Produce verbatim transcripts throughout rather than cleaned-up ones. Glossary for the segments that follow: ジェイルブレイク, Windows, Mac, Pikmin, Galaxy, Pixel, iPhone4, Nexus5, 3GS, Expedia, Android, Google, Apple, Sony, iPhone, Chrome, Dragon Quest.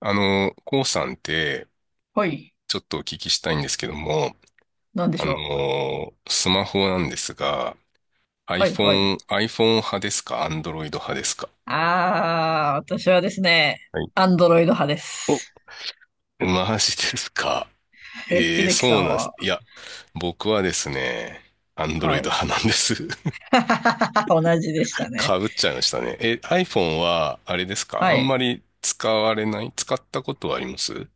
あの、こうさんって、はい。ちょっとお聞きしたいんですけども、なんであしょう。の、スマホなんですが、はいはい。iPhone、iPhone 派ですか？ Android 派ですか？あー、私はですね、はい。アンドロイド派でお、す。マジですか？え、ええー、秀樹さそうんなんです。は、いや、僕はですね、は Android い。派なんです。同じでしたね。かぶっちゃいましたね。え、iPhone は、あれですか、はあんい。まり使われない、使ったことはあります？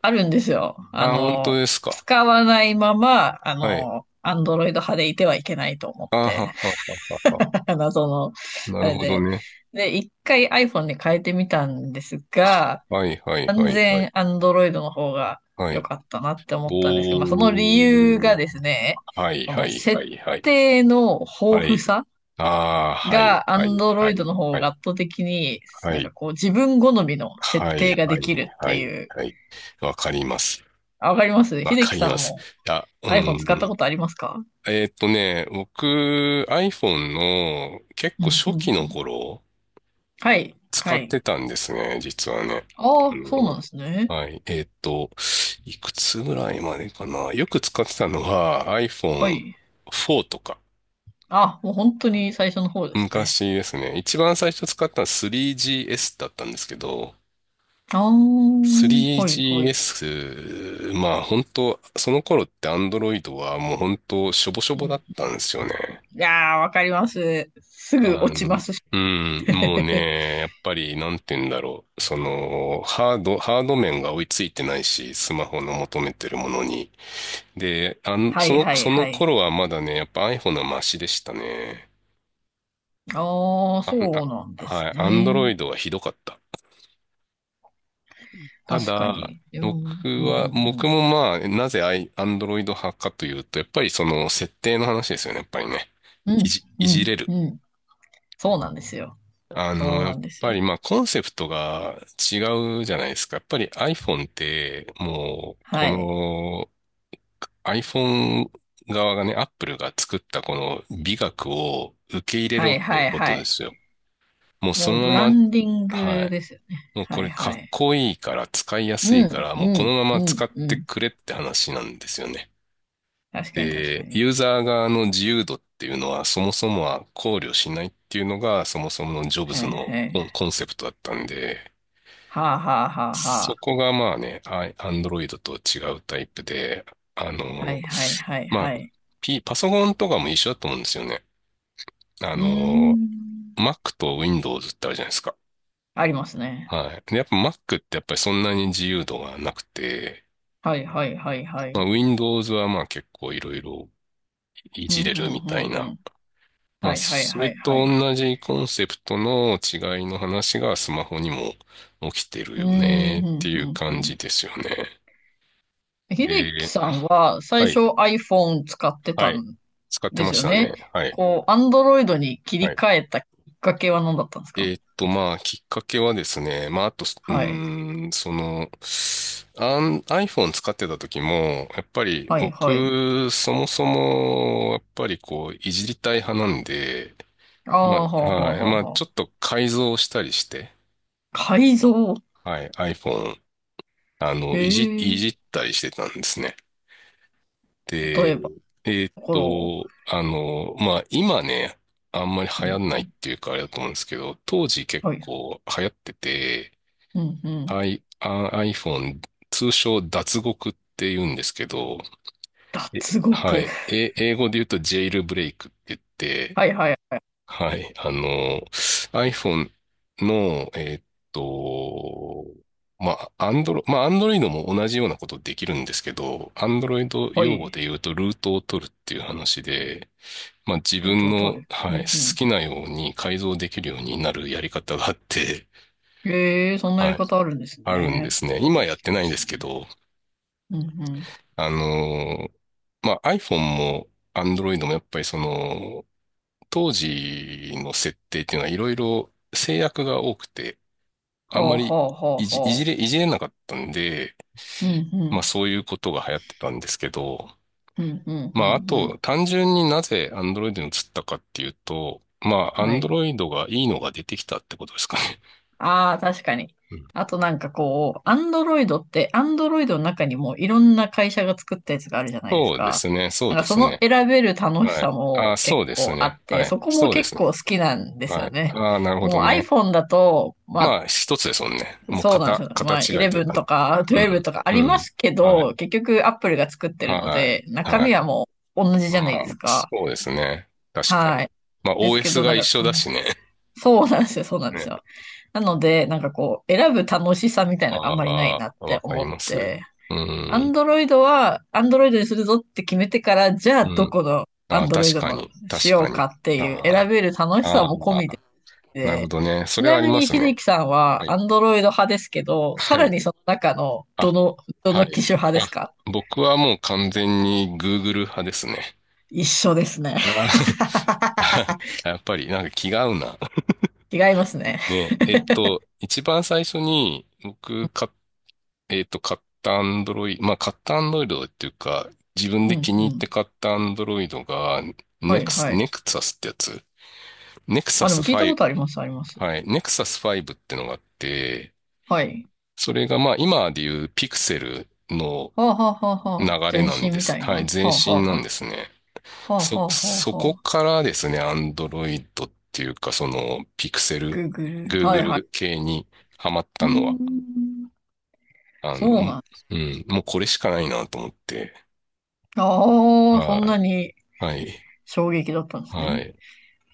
あるんですよ。ああ、本当の、ですか？使わないまま、あはい。の、アンドロイド派でいてはいけないと思っあはて。はははは。謎の、なあるれほどで。ね。で、一回 iPhone に変えてみたんですはが、はいはい完はいはい。全アンドロイドの方がは良い。かったなって思ったんですけど、まあ、その理お由がー。ですね、はい、こはのい、は設い、はい。定のは豊富い。さああ、はい、がアはンい、ドロはイドい、の方はがい、圧倒的に、はなんかい、こう自分好みの設はい、定がはでい、きるっはてい、いう。はい。わかります。あ、わかります。わ秀か樹りさんます。も あ、う iPhone 使ったん。ことありますか？えーっとね、僕、iPhone の結う構んう初ん期うのん。頃、はい、使はっい。てたんですね、実はね。あああ、そうなの、んですね。はい。えーっと、いくつぐらいまでかな。よく使ってたのは はい。アイフォンフォー とか。あ、もう本当に最初の方ですね。昔ですね。一番最初使ったのは スリージーエス だったんですけど、ああ、はい、はい。スリージーエス、まあ本当、その頃って Android はもう本当、しょぼしょうぼだっん、たんですよね。いやー、わかります。すぐあ落ちまの、すし。うん、もう ね、やっぱり、なんて言うんだろう。その、ハード、ハード面が追いついてないし、スマホの求めてるものに。で、あん、はそいの、はいそのはい。頃はまだね、やっぱ iPhone はマシでしたね。ああ、あ、そあ、うなんですはい、ね。Android はひどかった。た確かだ、に。うん、僕うは、ん、う僕ん、もまあ、なぜアイ、アンドロイド派かというと、やっぱりその設定の話ですよね、やっぱりね。ういん。じ、ういじれん、る。うん、うん。そうなんですよ。あその、うやなっんですぱよ。りまあ、コンセプトが違うじゃないですか。やっぱり iPhone って、もう、こはい。の iPhone 側がね、Apple が作ったこの美学を受け入れはろっいてはいことはでい。すよ。もうそもうのブラまま、ンディンはグい。ですよね。もうこはいれかはっい。こいいから使いやすういかん、ら、うもうこのん、ままう使ん、っうてん。くれって話なんですよね。確かに確かで、に。ユーザー側の自由度っていうのはそもそもは考慮しないっていうのがそもそものジョブはズいのはい。コンコンセプトだったんで、はあはあはあはそあ。こがまあね、ア n ンドロイドと違うタイプで、あはの、いはいはいまあ、はい。P、パソコンとかも一緒だと思うんですよね。あうーの、ん。Mac と Windows ってあるじゃないですか。ありますね。はい。で、やっぱ Mac ってやっぱりそんなに自由度がなくて、はいはいはいはまあ、い。Windows はまあ結構いろいろいうん、うじれん、るみたいうん、うな。ん。まはあ、いはいそはれいはとい。同じコンセプトの違いの話がスマホにも起きてるうよん、うねってん、いううん、う感じん。ですよね。秀樹で、さんは最は初 い、iPhone 使ってはたい。ん使ってでますしよたね。ね。はい、こう、Android に切はりい。替えたきっかけは何だったんですか？えーっと、まあ、きっかけはですね、まあ、あと、うはい。ーん、その、あん iPhone 使ってた時も、やっぱりはいはい。僕、そもそも、やっぱりこう、いじりたい派なんで、ああ、まあ、はあはあはい。はあまあ、はちょあ。っと改造したりして、改造。はい。iPhone、あへの、いじ、いえ。じったりしてたんですね。例で、えば、えーっところを。と、あの、まあ、今ね、あんまり流う行ん。んないっていうかあれだと思うんですけど、当時結はい。構流行ってて、うんうん。I、あ iPhone、通称脱獄って言うんですけど、え脱は獄。い。え、英語で言うとジェイルブレイクって言って、はいはい。はい。あの、iPhone の、えーっと、まあ、Android、まあ、Android も同じようなことできるんですけど、Android は用語い。で言うと、ルートを取るっていう話で、まあ、自ルート分を取の、る。うはい、んう好ん。きなように改造できるようになるやり方があって、ええ、そん なやりはい、方あるんですあるんでね。す初ね。めて今聞やっきてなまいんしでたすね。けど、うんうん。あの、まあ、iPhone も Android もやっぱりその、当時の設定っていうのはいろいろ制約が多くて、あはんまあはりあはあいじ、いはじれ、あ。いじれなかったんで、うんうまあん。そういうことが流行ってたんですけど、うんうんうまああんうとん。単純になぜ Android に移ったかっていうと、まあ はい。Android がいいのが出てきたってことですかね。ああ、確かに。うん。あとなんかこう、アンドロイドって、アンドロイドの中にもいろんな会社が作ったやつがあるじゃないですそうでか。すね、そうなんかでそすのね。選べる楽しはさい。あ、も結そうです構あね。って、はそい。こもそうで結すね。構好きなんですはよい。ね。ああ、なるほもどう ね。iPhone だと、まあ、まあ一つですもんね。もうそうなんで型、すよ。型まあ、違いというじゅういちかね。とかうじゅうにん。とかあうりまん。すけはい。ど、結局 Apple が作ってるのはい。で、中は身い。はもう同じじまゃないであ、すそか。うですね。確かはに。い。まあ、ですけ オーエス ど、ながん一か緒こだしう、ね。そうなんですよ、そうなん ですね。よ。なので、なんかこう、選ぶ楽しさみたいなのがあんまりないあなっあ、わてか思りまっす。て、うん。Android は Android にするぞって決めてから、じゃあうどん。この ああ、Android 確かのに。し確よかうに。かっていう、選あべる楽あ、しさあも込みあ、なるほで、どね。そちれはなありみまにす秀ね。樹さんははアい。ンドロイド派ですけど、さはらい。にその中の、どあ、の、どはの機い。種派であ、すか？僕はもう完全に Google 派ですね。一緒ですね。あ あ やっぱり、なんか気が合うな。違いますね。ね。えっと、一番最初に僕買っえっと、買ったアンドロイド、まあ、買ったアンドロイドっていうか、自分うでん気にう入っん。て買ったアンドロイドが、はネいクス、はい。ネクサスってやつ。ネクサあ、でスも聞いたことあります、あります。ファイブ、はい、ネクサスファイブってのがあって、はい。それがまあ、今でいうピクセルのはあはあはあは流あ。れ全なん身でみす。たいはい、な。前はあは身あなはんですね。あ。はあはそ、あはあそはこあ。からですね、アンドロイドっていうか、その、ピクセル、グーグル。はいはい。Google 系にハマっうたのは、ーん。あそうの、なん。うん、もうこれしかないなと思って、ああ、そはんないにはい。衝撃だったんですはね。い。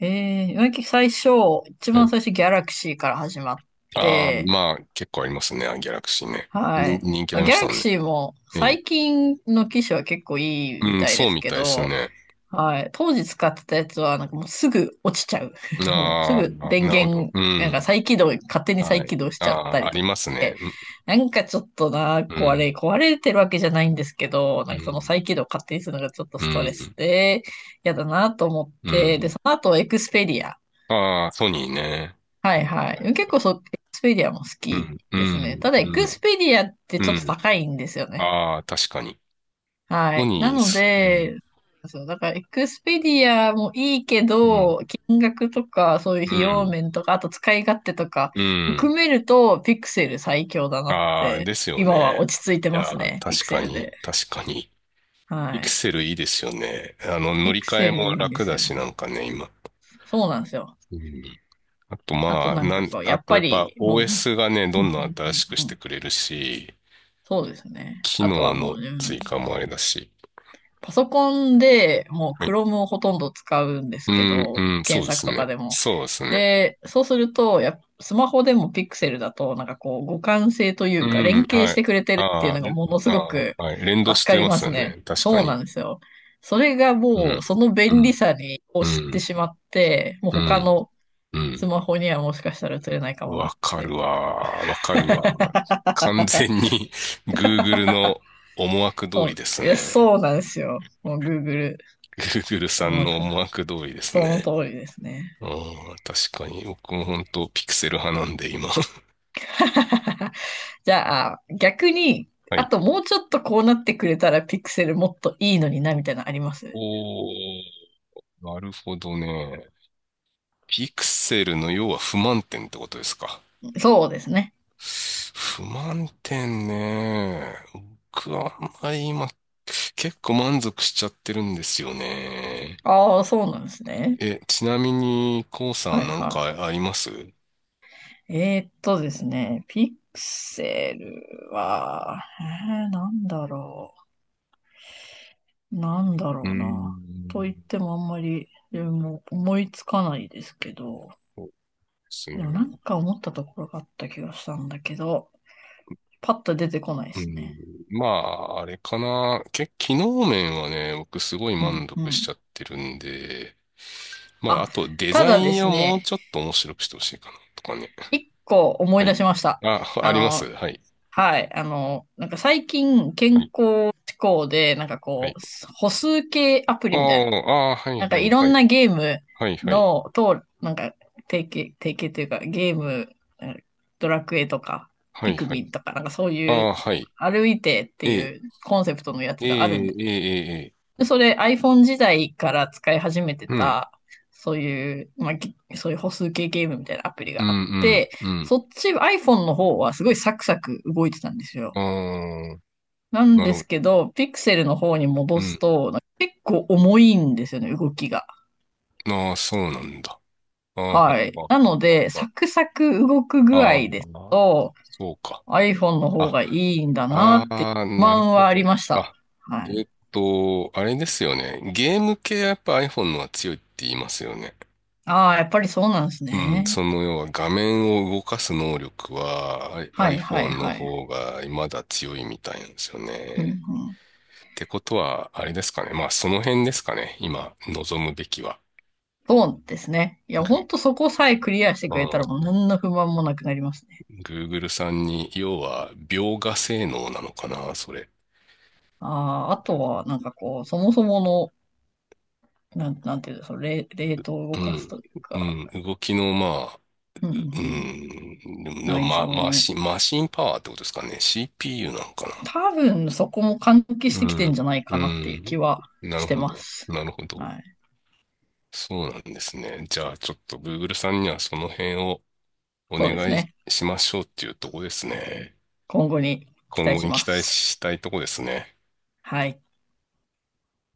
ええ、最初、一は番い。最初ギャラクシーから始まっああ、て、まあ、結構ありますね。ギャラクシーね。はに、い。人気あまあ、りまギャしたラもクんね。シーもええ。最近の機種は結構いいみうん、たいそでうすみけたいですど、ね。はい。当時使ってたやつはなんかもうすぐ落ちちゃう。もうすああ、ぐ電なるほど。源、うなんかん。再起動、勝手に再はい。起動しあちゃったあ、りあとりかますして。ね。うん、なんかちょっとな、う壊れ、ん、壊れてるわけじゃないんですけど、なうんかそのん、再起動を勝手にするのがちょっとうストレスん。で、嫌だなと思っうて、で、んその後エクスペディア。ああ、ソニーね。ははいいははいい。結は構いそう、エクスペディアも好うきん、うですね。たん、だエうクスん、ペディアってうちょっとん。高いんですよね。ああ、確かに。はソい。なニーのす、うん、で、そう、だから、エクスペディアもいいけうん、ど、金額とか、そういうう費用ん、面とか、あと使い勝手とか、うん。含めると、ピクセル最強だなっああ、て、ですよ今はね。落ち着いていやますー、ね、ピ確クセかルに、で。確かに。はピクい。セルいいですよね。あの、乗ピりク換セえルもいいんで楽すだよ。し、なんかね、今。そうなんですよ。うん。あと、あとまあ、なんなかん、こう、やあっと、ぱやっぱ り、もう、オーエス がね、どうんうんどん新んしくうしんうてん、くれるし、そうですね。機あと能はものう、う追ん、加もあれだし。パソコンでもう はい。Chrome をほとんど使うんですうけん、ど、うん、そう検で索すとかね。でも。そうですね。で、そうすると、やっぱスマホでも Pixel だと、なんかこう、互換性といううか、連ん、携はしい。てくれてるっていうあのがーものすごあー、くはい。連動助しかてりまますすよね。ね。確かそうなに。んですよ。それがうもう、ん、そのう便利ん、さにをう知ってん、しまって、もうう他ん、のうスん。マホにはもしかしたら映れないかもなっわかて。るわー。わかるわー。完全 に Google の思惑通そりう、ですいや、ね。そうなんですよ。もう Google Google さ思んの惑。思惑通りですね。その通りですね。うん、確かに。僕も本当ピクセル派なんで、今。じゃあ、逆に、はあい。ともうちょっとこうなってくれたらピクセルもっといいのにな、みたいなのあります？おー、なるほどね。ピクセルの要は不満点ってことですか？そうですね。不満点ね。僕はあんまり今、結構満足しちゃってるんですよね。ああ、そうなんですね。え、ちなみに、コうさはんいなんはかありますう？い。えーっとですね、ピクセルは、えー、なんだろう。なんだーろうな。と言っん。てもあんまり自分も思いつかないですけど、そうですでね。もなんか思ったところがあった気がしたんだけど、パッと出てこないでうすね。ん。まあ、あれかな。け、機能面はね、僕すごいうん満う足しん。ちゃってるんで、まあ、あ、あとデたザだでインすをもうね、ちょっと面白くしてほしいかな、とかね。一個思いは出い。しました。あ、ああります。の、はい。はい。あの、なんか最近健はい。康志向で、なんかはこい。う、歩数計アプあリみたいな。あ、ああ、はない、んかはいい、ろはんい。なゲームはい、はい。の、と、なんか提携、提携というかゲーム、うん、ドラクエとか、はピい、クはミい。ンとか、なんかそうあいうあ、はい。歩いてってええ、いうコンセプトのやえつがあるんえ、ええ、ええ。ええで、それ iPhone 時代から使い始めてうん。た、そういう、まあ、ぎそういう歩数計ゲームみたいなアプリうがあっん、て、うん、そっち iPhone の方はすごいサクサク動いてたんですうよ。ん。ああ。なんなでるほすど。けど、ピクセルの方にう戻すん。と、なんか結構重いんですよね、動きが。ああ、そうなんだ。ああ、ははあい。はなあはので、あはサクサク動く具ああ合ですあ、と、そうか。iPhone の方あ、がいいんだなあってあ、不なる満ほはありど。ました。あ、はえい。ーっと、あれですよね。ゲーム系はやっぱ iPhone のは強いって言いますよね。ああ、やっぱりそうなんですうん、そね。の要は画面を動かす能力は I- はいはい iPhone のはい。方がまだ強いみたいなんですようんうね。ん、ってことは、あれですかね。まあその辺ですかね。今、望むべきは。そうですね。いや、ほんグとそこさえクリアしてくれたらー。もう何の不満もなくなりますね。Google さんに、要は、描画性能なのかな、それ。ああ、あとは、なんかこう、そもそもの、なん、なんていうんですか、レ、レートを動うかすん。というか、うん。動きの、まあ、うんうんううん、ん。でも、でも内ま、臓マの、シン、マシンパワーってことですかね。シーピーユー なのか多分そこも関係しな。てうきてんん。じゃないうかなっていう気ん。はなしるてほまど。す。なるほはど。い。そうなんですね。じゃあ、ちょっと Google さんにはその辺をおそうです願いね。しましょうっていうとこですね。今後に期今待後しにま期待す。したいとこですね。はい。